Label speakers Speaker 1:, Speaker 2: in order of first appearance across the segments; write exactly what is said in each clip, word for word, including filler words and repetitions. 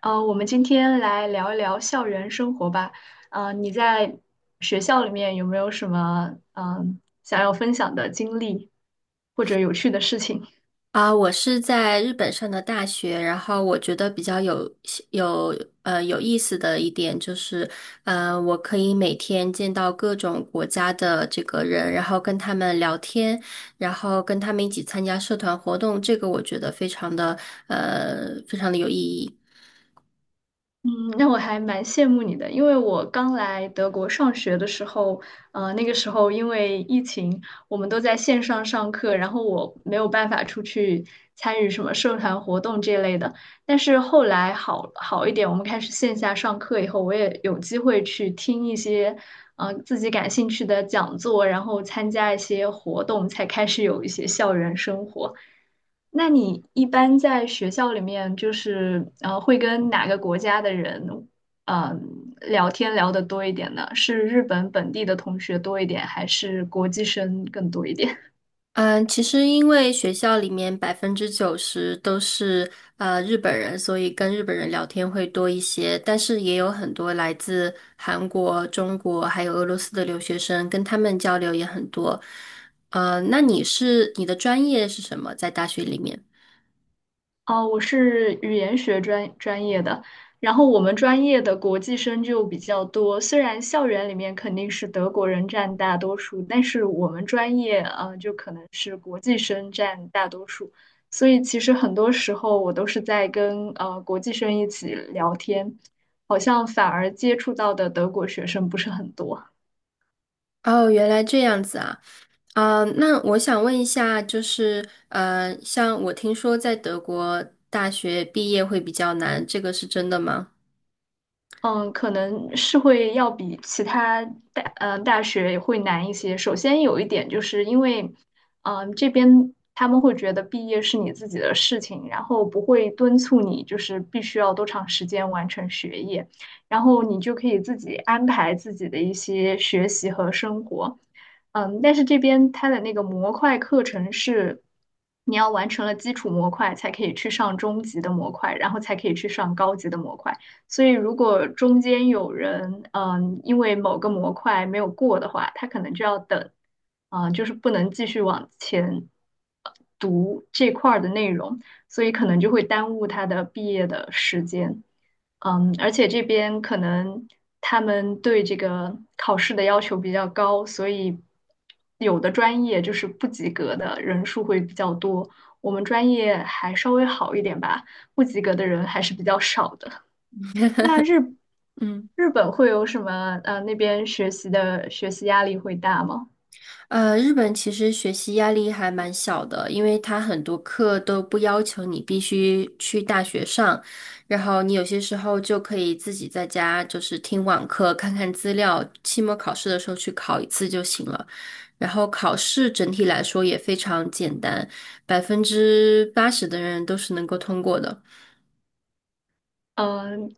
Speaker 1: 呃，我们今天来聊一聊校园生活吧。呃，你在学校里面有没有什么嗯、呃想要分享的经历或者有趣的事情？
Speaker 2: 啊，我是在日本上的大学，然后我觉得比较有有呃有意思的一点就是，呃，我可以每天见到各种国家的这个人，然后跟他们聊天，然后跟他们一起参加社团活动，这个我觉得非常的呃非常的有意义。
Speaker 1: 嗯，那我还蛮羡慕你的，因为我刚来德国上学的时候，呃，那个时候因为疫情，我们都在线上上课，然后我没有办法出去参与什么社团活动这类的。但是后来好好一点，我们开始线下上课以后，我也有机会去听一些，呃，自己感兴趣的讲座，然后参加一些活动，才开始有一些校园生活。那你一般在学校里面，就是呃，会跟哪个国家的人，嗯、聊天聊得多一点呢？是日本本地的同学多一点，还是国际生更多一点？
Speaker 2: 嗯，其实因为学校里面百分之九十都是呃日本人，所以跟日本人聊天会多一些。但是也有很多来自韩国、中国还有俄罗斯的留学生，跟他们交流也很多。呃，那你是你的专业是什么？在大学里面？
Speaker 1: 哦，我是语言学专专业的，然后我们专业的国际生就比较多。虽然校园里面肯定是德国人占大多数，但是我们专业呃就可能是国际生占大多数，所以其实很多时候我都是在跟呃国际生一起聊天，好像反而接触到的德国学生不是很多。
Speaker 2: 哦，原来这样子啊。啊，那我想问一下，就是呃，像我听说在德国大学毕业会比较难，这个是真的吗？
Speaker 1: 嗯，可能是会要比其他大嗯大学会难一些。首先有一点就是因为，嗯、这边他们会觉得毕业是你自己的事情，然后不会敦促你，就是必须要多长时间完成学业，然后你就可以自己安排自己的一些学习和生活。嗯，但是这边它的那个模块课程是，你要完成了基础模块才可以去上中级的模块，然后才可以去上高级的模块。所以如果中间有人嗯、因为某个模块没有过的话，他可能就要等，啊、就是不能继续往前这块儿的内容，所以可能就会耽误他的毕业的时间。嗯，而且这边可能他们对这个考试的要求比较高，所以有的专业就是不及格的人数会比较多。我们专业还稍微好一点吧，不及格的人还是比较少的。那日
Speaker 2: 嗯。
Speaker 1: 日本会有什么？呃，那边学习的学习压力会大吗？
Speaker 2: 呃，日本其实学习压力还蛮小的，因为它很多课都不要求你必须去大学上，然后你有些时候就可以自己在家就是听网课，看看资料，期末考试的时候去考一次就行了。然后考试整体来说也非常简单，百分之八十的人都是能够通过的。
Speaker 1: 嗯、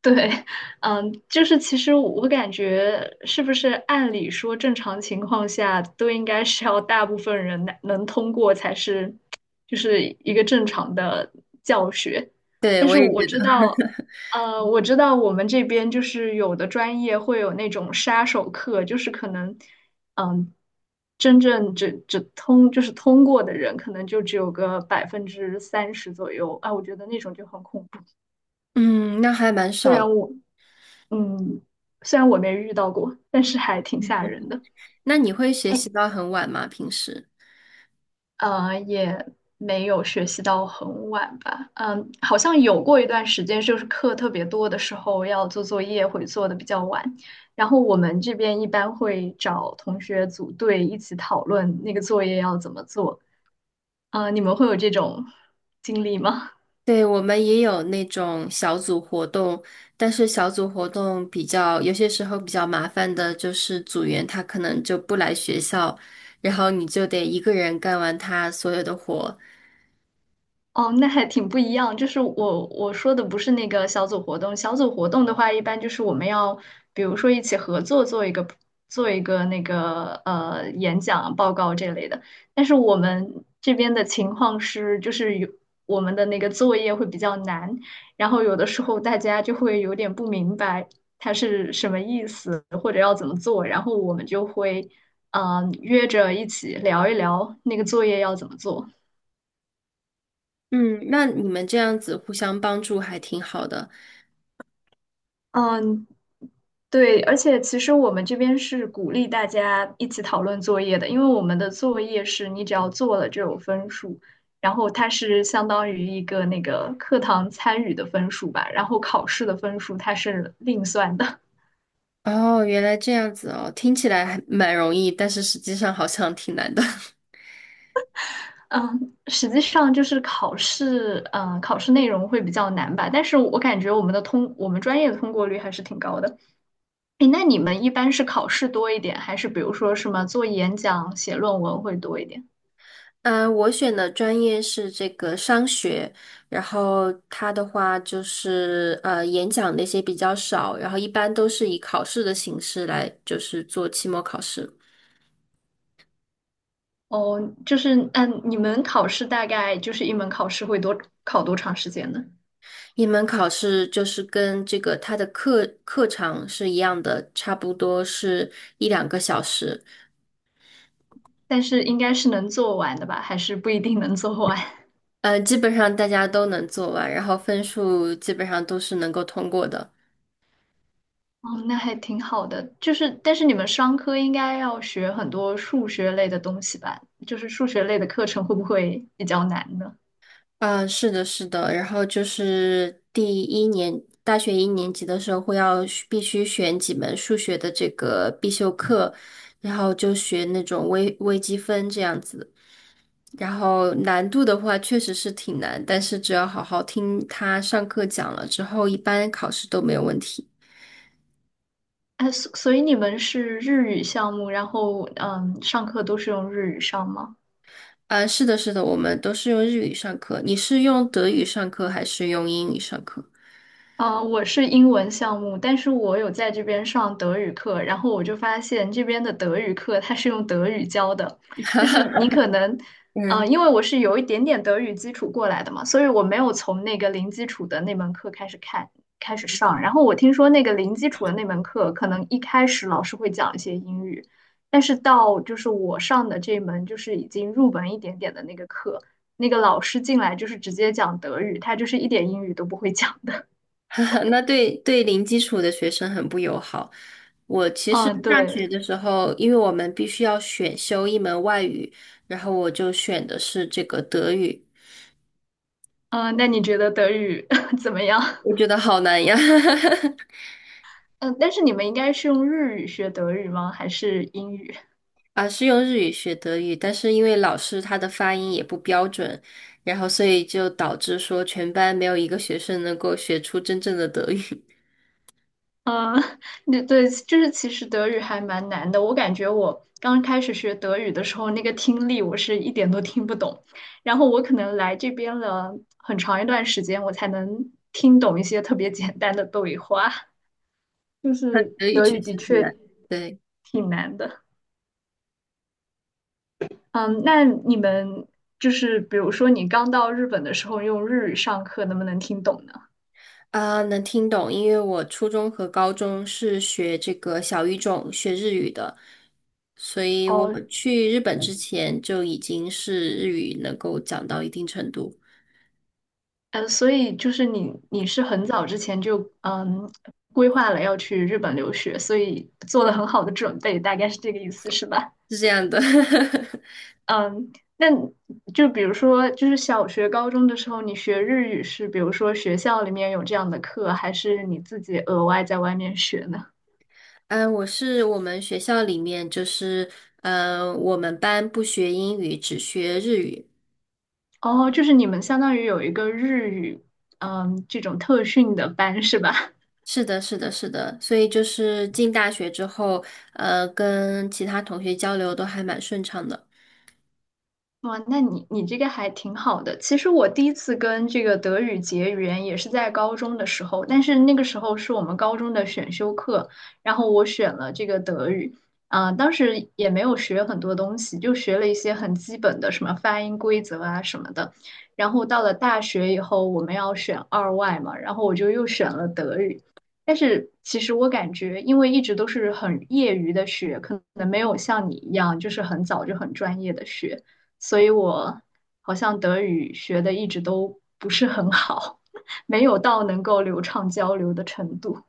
Speaker 1: 对，嗯，就是其实我感觉，是不是按理说正常情况下都应该是要大部分人能能通过才是，就是一个正常的教学。
Speaker 2: 对，
Speaker 1: 但
Speaker 2: 我
Speaker 1: 是
Speaker 2: 也
Speaker 1: 我
Speaker 2: 觉得。
Speaker 1: 知道，呃，我知道我们这边就是有的专业会有那种杀手课，就是可能，嗯，真正只只通就是通过的人，可能就只有个百分之三十左右啊，我觉得那种就很恐怖。
Speaker 2: 嗯，那还蛮
Speaker 1: 虽然
Speaker 2: 少。
Speaker 1: 我嗯，虽然我没遇到过，但是还挺吓人的。
Speaker 2: 那你会学
Speaker 1: 哎，
Speaker 2: 习到很晚吗？平时？
Speaker 1: 呃，也没有学习到很晚吧。嗯，好像有过一段时间，就是课特别多的时候要做作业，会做的比较晚。然后我们这边一般会找同学组队一起讨论那个作业要怎么做。呃，你们会有这种经历吗？
Speaker 2: 对，我们也有那种小组活动，但是小组活动比较，有些时候比较麻烦的就是组员他可能就不来学校，然后你就得一个人干完他所有的活。
Speaker 1: 哦，那还挺不一样。就是我我说的不是那个小组活动，小组活动的话，一般就是我们要，比如说一起合作做一个做一个那个呃演讲报告这类的。但是我们这边的情况是，就是有我们的那个作业会比较难，然后有的时候大家就会有点不明白它是什么意思，或者要怎么做，然后我们就会嗯、呃约着一起聊一聊那个作业要怎么做。
Speaker 2: 嗯，那你们这样子互相帮助还挺好的。
Speaker 1: 嗯，对，而且其实我们这边是鼓励大家一起讨论作业的，因为我们的作业是你只要做了就有分数，然后它是相当于一个那个课堂参与的分数吧，然后考试的分数它是另算的。
Speaker 2: 哦，原来这样子哦，听起来还蛮容易，但是实际上好像挺难的。
Speaker 1: 嗯，实际上就是考试，嗯，考试内容会比较难吧，但是我感觉我们的通，我们专业的通过率还是挺高的。诶，那你们一般是考试多一点，还是比如说什么做演讲、写论文会多一点？
Speaker 2: 嗯，呃我选的专业是这个商学，然后它的话就是呃演讲那些比较少，然后一般都是以考试的形式来就是做期末考试。
Speaker 1: 哦，就是嗯，你们考试大概就是一门考试会多考多长时间呢？
Speaker 2: 一门考试就是跟这个它的课课程是一样的，差不多是一两个小时。
Speaker 1: 但是应该是能做完的吧，还是不一定能做完？
Speaker 2: 呃，基本上大家都能做完，然后分数基本上都是能够通过的。
Speaker 1: 哦，那还挺好的。就是，但是你们商科应该要学很多数学类的东西吧？就是数学类的课程会不会比较难呢？
Speaker 2: 嗯，是的，是的，然后就是第一年，大学一年级的时候会要学必须选几门数学的这个必修课，然后就学那种微微积分这样子。然后难度的话确实是挺难，但是只要好好听他上课讲了之后，一般考试都没有问题。
Speaker 1: 哎，所所以你们是日语项目，然后嗯，上课都是用日语上吗？
Speaker 2: 呃，是的，是的，我们都是用日语上课。你是用德语上课还是用英语上课？
Speaker 1: 啊，我是英文项目，但是我有在这边上德语课，然后我就发现这边的德语课它是用德语教的，就是你可能，呃，
Speaker 2: 嗯。
Speaker 1: 因为我是有一点点德语基础过来的嘛，所以我没有从那个零基础的那门课开始看，开始上。然后我听说那个零基础的那门课，可能一开始老师会讲一些英语，但是到就是我上的这门就是已经入门一点点的那个课，那个老师进来就是直接讲德语，他就是一点英语都不会讲。的。
Speaker 2: 那对对零基础的学生很不友好。我其实
Speaker 1: 嗯，
Speaker 2: 大学
Speaker 1: 对，
Speaker 2: 的时候，因为我们必须要选修一门外语，然后我就选的是这个德语，
Speaker 1: 嗯，那你觉得德语 怎么样？
Speaker 2: 我觉得好难呀。
Speaker 1: 嗯，但是你们应该是用日语学德语吗？还是英语？
Speaker 2: 啊，是用日语学德语，但是因为老师他的发音也不标准，然后所以就导致说全班没有一个学生能够学出真正的德语。
Speaker 1: 嗯，对对，就是其实德语还蛮难的。我感觉我刚开始学德语的时候，那个听力我是一点都听不懂。然后我可能来这边了很长一段时间，我才能听懂一些特别简单的对话。就是
Speaker 2: 德语
Speaker 1: 德
Speaker 2: 确
Speaker 1: 语的
Speaker 2: 实挺
Speaker 1: 确
Speaker 2: 难，对。
Speaker 1: 挺难的。嗯，那你们就是比如说你刚到日本的时候用日语上课，能不能听懂呢？
Speaker 2: 啊，能听懂，因为我初中和高中是学这个小语种，学日语的，所以我
Speaker 1: 哦，
Speaker 2: 去日本之前就已经是日语能够讲到一定程度，
Speaker 1: 呃，所以就是你你是很早之前就嗯规划了要去日本留学，所以做了很好的准备，大概是这个意思是吧？
Speaker 2: 是这样的。
Speaker 1: 嗯，那就比如说就是小学、高中的时候你学日语是比如说学校里面有这样的课，还是你自己额外在外面学呢？
Speaker 2: 嗯，我是我们学校里面就是，嗯，我们班不学英语，只学日语。
Speaker 1: 哦，就是你们相当于有一个日语，嗯，这种特训的班是吧？
Speaker 2: 是的，是的，是的，所以就是进大学之后，呃，跟其他同学交流都还蛮顺畅的。
Speaker 1: 哇，那你你这个还挺好的。其实我第一次跟这个德语结缘也是在高中的时候，但是那个时候是我们高中的选修课，然后我选了这个德语，啊、当时也没有学很多东西，就学了一些很基本的什么发音规则啊什么的。然后到了大学以后，我们要选二外嘛，然后我就又选了德语。但是其实我感觉，因为一直都是很业余的学，可能没有像你一样，就是很早就很专业的学。所以我好像德语学的一直都不是很好，没有到能够流畅交流的程度。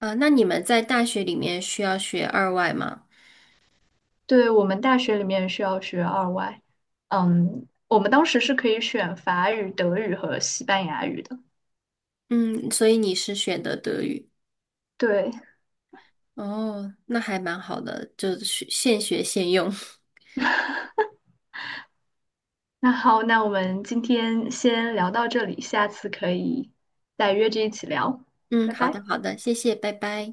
Speaker 2: 啊，那你们在大学里面需要学二外吗？
Speaker 1: 对，我们大学里面需要学二外，嗯，我们当时是可以选法语、德语和西班牙语的。
Speaker 2: 嗯，所以你是选的德语。
Speaker 1: 对，
Speaker 2: 哦，那还蛮好的，就是现学现用。
Speaker 1: 那好，那我们今天先聊到这里，下次可以再约着一起聊，
Speaker 2: 嗯，
Speaker 1: 拜
Speaker 2: 好
Speaker 1: 拜。
Speaker 2: 的，好的，谢谢，拜拜。